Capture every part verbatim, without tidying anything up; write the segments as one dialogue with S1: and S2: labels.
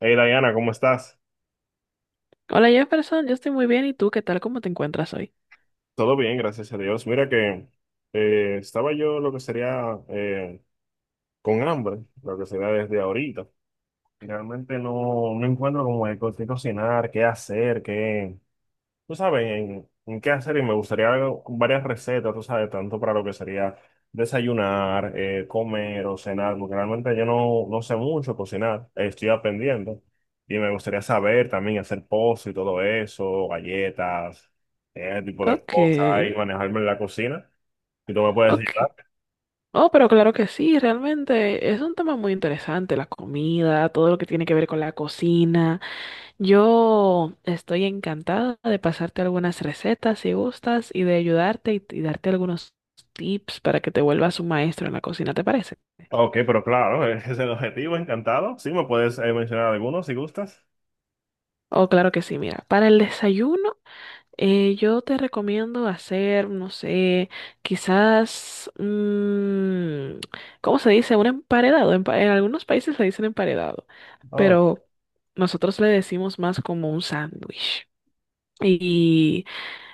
S1: Hey Diana, ¿cómo estás?
S2: Hola Jefferson, yo estoy muy bien. ¿Y tú qué tal? ¿Cómo te encuentras hoy?
S1: Todo bien, gracias a Dios. Mira que eh, estaba yo lo que sería eh, con hambre, lo que sería desde ahorita. Realmente no, no encuentro como de co- qué cocinar, qué hacer, qué. Tú sabes, en, en qué hacer y me gustaría algo- varias recetas, tú sabes, tanto para lo que sería desayunar, eh, comer o cenar, porque realmente yo no, no sé mucho cocinar. Eh, estoy aprendiendo y me gustaría saber también hacer postres y todo eso, galletas, ese tipo de
S2: Ok,
S1: cosas y manejarme en la cocina. Si tú me puedes
S2: ok.
S1: ayudar.
S2: Oh, pero claro que sí, realmente es un tema muy interesante, la comida, todo lo que tiene que ver con la cocina. Yo estoy encantada de pasarte algunas recetas si gustas y de ayudarte y, y darte algunos tips para que te vuelvas un maestro en la cocina, ¿te parece?
S1: Ok, pero claro, ese es el objetivo, encantado. Sí, me puedes eh, mencionar algunos si gustas.
S2: Oh, claro que sí, mira, para el desayuno. Eh, yo te recomiendo hacer, no sé, quizás, mm, ¿cómo se dice? Un emparedado. Empa- En, algunos países le dicen emparedado,
S1: Ah,
S2: pero nosotros le decimos más como un sándwich.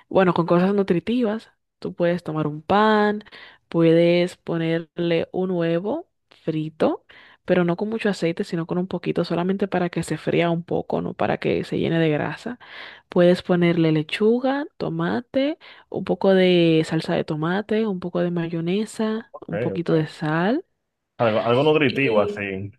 S2: Bueno, con cosas nutritivas, tú puedes tomar un pan, puedes ponerle un huevo frito, pero no con mucho aceite, sino con un poquito, solamente para que se fría un poco, no para que se llene de grasa. Puedes ponerle lechuga, tomate, un poco de salsa de tomate, un poco de mayonesa,
S1: ok,
S2: un poquito de
S1: ok.
S2: sal.
S1: Algo, algo nutritivo así.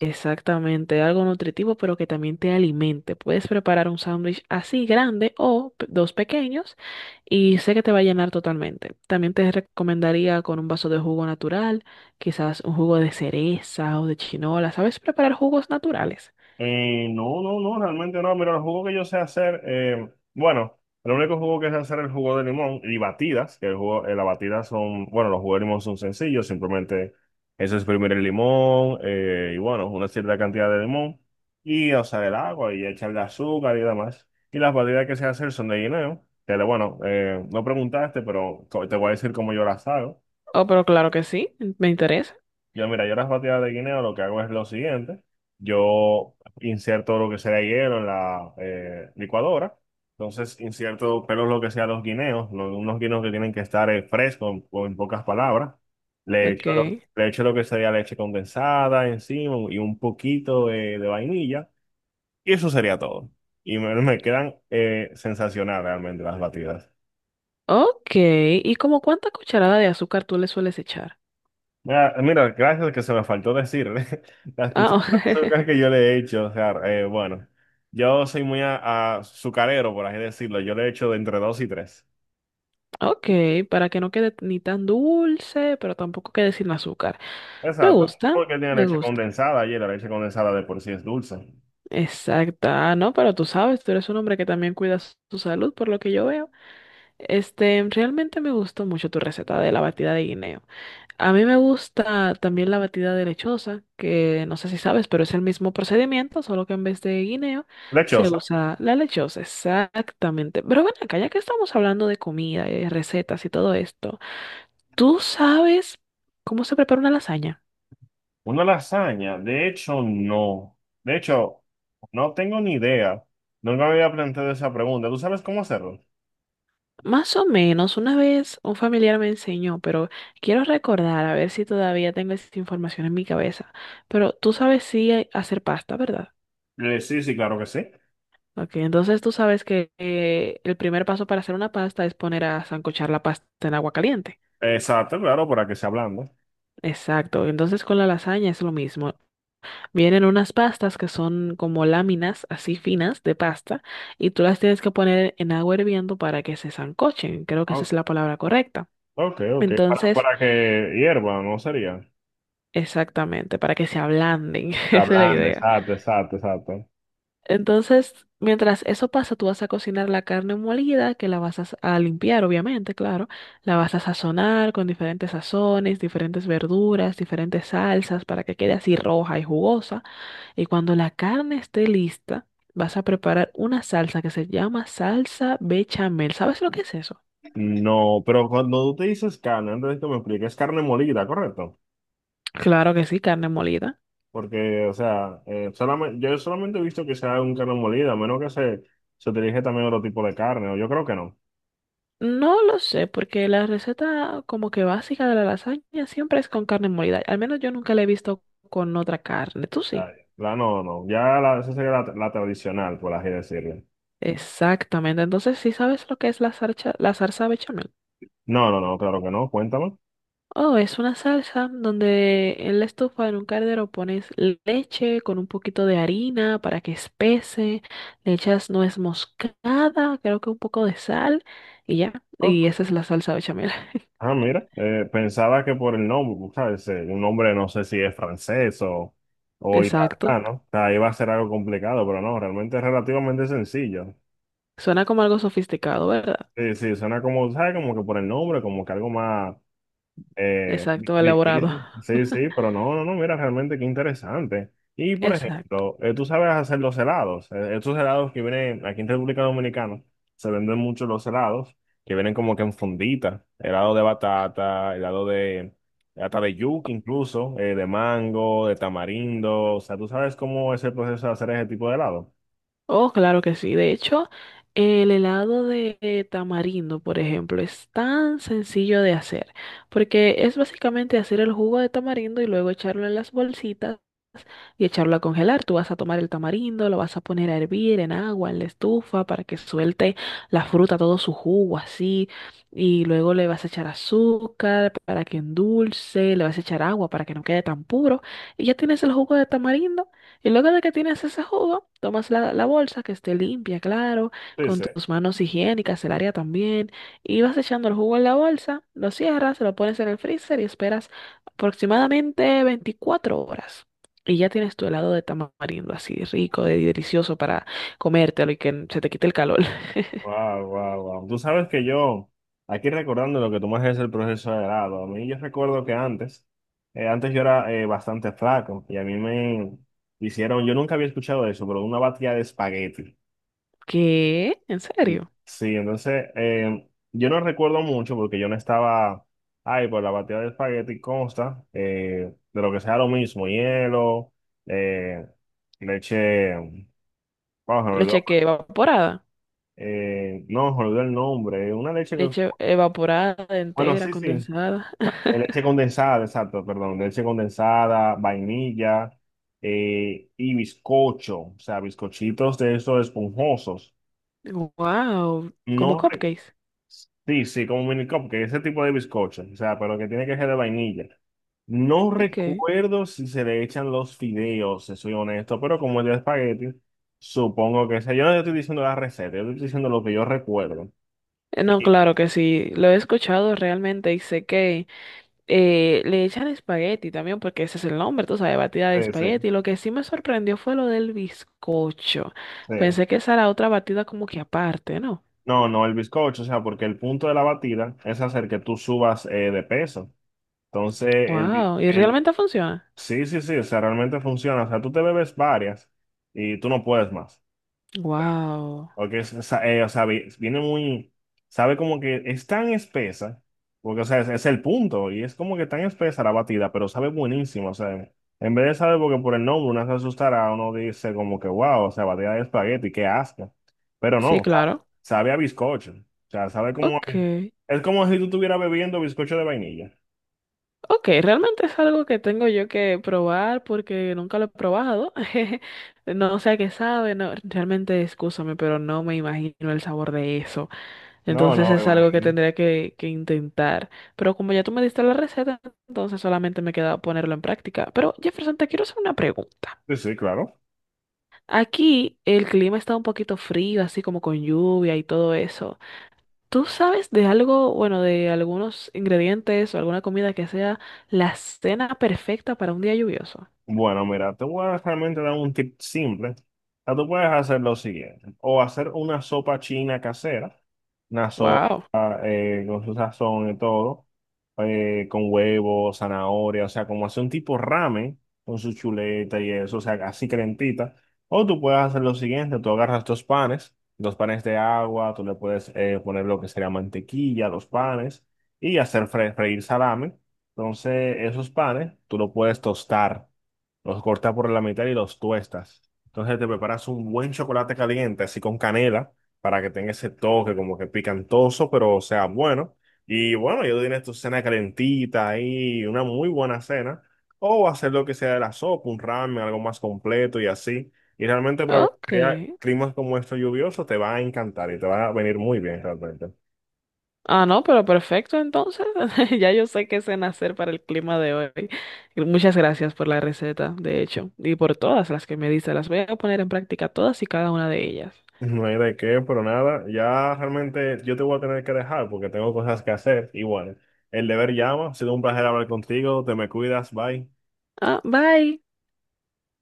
S2: Exactamente, algo nutritivo pero que también te alimente. Puedes preparar un sándwich así grande o pe- dos pequeños y sé que te va a llenar totalmente. También te recomendaría con un vaso de jugo natural, quizás un jugo de cereza o de chinola. ¿Sabes preparar jugos naturales?
S1: Eh, no, no, no, realmente no. Mira, el jugo que yo sé hacer, eh, bueno, el único jugo que sé hacer es el jugo de limón y batidas, que el jugo, eh, las batidas son, bueno, los jugos de limón son sencillos, simplemente eso es exprimir el limón, eh, y bueno, una cierta cantidad de limón y, o sea, el agua y echarle azúcar y demás. Y las batidas que sé hacer son de guineo, que bueno, eh, no preguntaste, pero co- te voy a decir cómo yo las hago.
S2: Oh, pero claro que sí, me interesa.
S1: Yo, mira, yo las batidas de guineo lo que hago es lo siguiente. Yo inserto lo que sea hielo en la eh, licuadora. Entonces inserto, pero lo que sea los guineos, lo- unos guineos que tienen que estar eh, frescos, o en pocas palabras. Le echo lo,
S2: Ok.
S1: le echo lo que sería leche condensada encima y un poquito de, de vainilla. Y eso sería todo. Y me, me quedan eh, sensacionales realmente las batidas.
S2: Ok, ¿y como cuánta cucharada de azúcar tú le sueles echar?
S1: Ah, mira, gracias que se me faltó decir. La
S2: Ah,
S1: cucharadas de
S2: oh.
S1: azúcar que yo le he hecho, o sea, eh, bueno, yo soy muy a, azucarero, por así decirlo. Yo le he hecho de entre dos y tres.
S2: Ok, para que no quede ni tan dulce, pero tampoco quede sin azúcar. Me
S1: Exacto,
S2: gusta,
S1: porque tiene
S2: me
S1: leche
S2: gusta.
S1: condensada y la leche condensada de por sí es dulce.
S2: Exacto. Ah, no, pero tú sabes, tú eres un hombre que también cuida su su salud, por lo que yo veo. Este, realmente me gustó mucho tu receta de la batida de guineo. A mí me gusta también la batida de lechosa, que no sé si sabes, pero es el mismo procedimiento, solo que en vez de guineo se
S1: Lechosa.
S2: usa la lechosa. Exactamente. Pero ven acá, ya que estamos hablando de comida y recetas y todo esto. ¿Tú sabes cómo se prepara una lasaña?
S1: Una lasaña, de hecho, no. De hecho, no tengo ni idea. Nunca me había planteado esa pregunta. ¿Tú sabes cómo hacerlo?
S2: Más o menos, una vez un familiar me enseñó, pero quiero recordar a ver si todavía tengo esa información en mi cabeza. Pero tú sabes sí hay- hacer pasta, ¿verdad?
S1: Eh, sí, sí, claro que sí.
S2: Ok, entonces tú sabes que eh, el primer paso para hacer una pasta es poner a sancochar la pasta en agua caliente.
S1: Exacto, claro, para que se ablande.
S2: Exacto, entonces con la lasaña es lo mismo. Vienen unas pastas que son como láminas así finas de pasta y tú las tienes que poner en agua hirviendo para que se sancochen. Creo que esa es la palabra correcta.
S1: Ok, ok. Para,
S2: Entonces,
S1: para que hierva, ¿no sería?
S2: exactamente, para que se ablanden. Esa
S1: La
S2: es la
S1: blanda,
S2: idea.
S1: exacto, exacto, exacto.
S2: Entonces, mientras eso pasa, tú vas a cocinar la carne molida, que la vas a, s- a limpiar, obviamente, claro. La vas a sazonar con diferentes sazones, diferentes verduras, diferentes salsas para que quede así roja y jugosa. Y cuando la carne esté lista, vas a preparar una salsa que se llama salsa bechamel. ¿Sabes lo que es eso?
S1: No, pero cuando tú te dices carne, antes de que me expliques, es carne molida, ¿correcto?
S2: Claro que sí, carne molida.
S1: Porque, o sea, eh, solamente, yo solamente he visto que sea un carne molida, a menos que se, se utilice también otro tipo de carne, o yo creo que no.
S2: No lo sé, porque la receta como que básica de la lasaña siempre es con carne molida. Al menos yo nunca la he visto con otra carne. Tú
S1: Ya,
S2: sí.
S1: ya. La, no, no, ya la, esa sería la, la tradicional, por así decirlo.
S2: Exactamente. Entonces, ¿sí sabes lo que es la salsa, la salsa bechamel?
S1: No, no, no, claro que no, cuéntame.
S2: Oh, es una salsa donde en la estufa, en un caldero, pones leche con un poquito de harina para que espese, le echas nuez moscada, creo que un poco de sal y ya. Y
S1: Ok.
S2: esa es la salsa bechamel.
S1: Ah, mira, eh, pensaba que por el nombre, pues, ¿sabes? Eh, Un nombre no sé si es francés o, o italiano.
S2: Exacto.
S1: ¿No? O sea, iba a ser algo complicado, pero no, realmente es relativamente sencillo.
S2: Suena como algo sofisticado, ¿verdad?
S1: Sí, sí, suena como, ¿sabes? Como que por el nombre, como que algo más, eh, di-
S2: Exacto, elaborado.
S1: difícil, sí, sí, pero no, no, no, mira, realmente qué interesante. Y por
S2: Exacto.
S1: ejemplo, eh, tú sabes hacer los helados. Eh, estos helados que vienen aquí en República Dominicana, se venden mucho los helados, que vienen como que en fundita, helado de batata, helado de, hasta de yuca incluso, eh, de mango, de tamarindo. O sea, tú sabes cómo es el proceso de hacer ese tipo de helado.
S2: Oh, claro que sí. De hecho, el helado de tamarindo, por ejemplo, es tan sencillo de hacer, porque es básicamente hacer el jugo de tamarindo y luego echarlo en las bolsitas y echarlo a congelar. Tú vas a tomar el tamarindo, lo vas a poner a hervir en agua, en la estufa, para que suelte la fruta, todo su jugo así, y luego le vas a echar azúcar para que endulce, le vas a echar agua para que no quede tan puro, y ya tienes el jugo de tamarindo. Y luego de que tienes ese jugo, tomas la, la bolsa que esté limpia, claro,
S1: Sí,
S2: con
S1: sí.
S2: tus manos higiénicas, el área también, y vas echando el jugo en la bolsa, lo cierras, lo pones en el freezer y esperas aproximadamente veinticuatro horas. Y ya tienes tu helado de tamarindo así rico, de delicioso para comértelo y que se te quite el calor.
S1: Wow, wow, wow. Tú sabes que yo, aquí recordando lo que tú me haces el proceso de grado, a mí yo recuerdo que antes, eh, antes yo era eh, bastante flaco y a mí me hicieron, yo nunca había escuchado eso, pero una batida de espagueti.
S2: ¿Qué? ¿En
S1: Y
S2: serio?
S1: sí, entonces eh, yo no recuerdo mucho porque yo no estaba, ay, pues la batida de espagueti consta, eh, de lo que sea lo mismo, hielo, eh, leche, vamos a olvidó,
S2: Leche que evaporada.
S1: eh, no, me olvidó el nombre, una leche que,
S2: Leche evaporada
S1: bueno,
S2: entera,
S1: sí, sí.
S2: condensada.
S1: De leche condensada, exacto, perdón, de leche condensada, vainilla, eh, y bizcocho, o sea, bizcochitos de esos esponjosos.
S2: Wow, como
S1: No, re-
S2: cupcakes.
S1: sí, sí, como mini que ese tipo de bizcocho, o sea, pero que tiene que ser de vainilla. No
S2: Ok.
S1: recuerdo si se le echan los fideos, si soy honesto, pero como es de espagueti, supongo que sea. Yo no estoy diciendo la receta, yo estoy diciendo lo que yo recuerdo.
S2: Eh, No,
S1: Sí,
S2: claro que sí, lo he escuchado realmente y sé que eh, le echan espagueti también porque ese es el nombre, tú sabes, batida de
S1: sí, sí.
S2: espagueti. Lo que sí me sorprendió fue lo del bizcocho.
S1: Sí.
S2: Pensé que esa era otra batida como que aparte, ¿no?
S1: No, no, el bizcocho, o sea, porque el punto de la batida es hacer que tú subas, eh, de peso. Entonces, el, bi-
S2: Wow, ¿y
S1: el,
S2: realmente funciona?
S1: sí, sí, sí, o sea, realmente funciona. O sea, tú te bebes varias y tú no puedes más.
S2: Wow,
S1: Porque, es- esa- eh, o sea, vi- viene muy, sabe como que es tan espesa, porque, o sea, es, es el punto, y es como que tan espesa la batida, pero sabe buenísimo, o sea, en vez de saber porque por el nombre uno se asustará, uno dice como que, wow, o sea, batida de espagueti, qué asco, pero
S2: sí,
S1: no, sa-
S2: claro.
S1: sabe a bizcocho, o sea, sabe como, a-
S2: Ok,
S1: es como si tú estuvieras bebiendo bizcocho de vainilla.
S2: ok, realmente es algo que tengo yo que probar porque nunca lo he probado. No sé a qué sabe, no, realmente, excúsame, pero no me imagino el sabor de eso.
S1: No,
S2: Entonces
S1: no, me
S2: es algo que
S1: imagino.
S2: tendría que, que intentar. Pero como ya tú me diste la receta, entonces solamente me queda ponerlo en práctica. Pero Jefferson, te quiero hacer una pregunta.
S1: Sí, sí, claro.
S2: Aquí el clima está un poquito frío, así como con lluvia y todo eso. ¿Tú sabes de algo, bueno, de algunos ingredientes o alguna comida que sea la cena perfecta para un día lluvioso?
S1: Bueno, mira, te voy a realmente dar un tip simple. O sea, tú puedes hacer lo siguiente, o hacer una sopa china casera, una
S2: Wow.
S1: sopa, eh, con su sazón y todo, eh, con huevo, zanahoria, o sea, como hacer un tipo ramen con su chuleta y eso, o sea, así calentita. O tú puedes hacer lo siguiente, tú agarras dos panes, dos panes de agua, tú le puedes, eh, poner lo que sería mantequilla a los panes y hacer fre- freír salame. Entonces, esos panes tú lo puedes tostar, los cortas por la mitad y los tuestas. Entonces te preparas un buen chocolate caliente, así con canela, para que tenga ese toque como que picantoso, pero sea bueno. Y bueno, ya tú tienes tu cena calentita ahí, una muy buena cena. O hacer lo que sea de la sopa, un ramen, algo más completo y así. Y realmente para lo que
S2: Ok.
S1: sea climas como estos lluviosos te va a encantar y te va a venir muy bien realmente.
S2: Ah, no, pero perfecto, entonces. Ya yo sé qué cena hacer para el clima de hoy. Muchas gracias por la receta, de hecho, y por todas las que me diste. Las voy a poner en práctica todas y cada una de ellas.
S1: No hay de qué, pero nada, ya realmente yo te voy a tener que dejar porque tengo cosas que hacer. Igual, el deber llama, ha sido un placer hablar contigo, te me cuidas, bye.
S2: Ah, bye.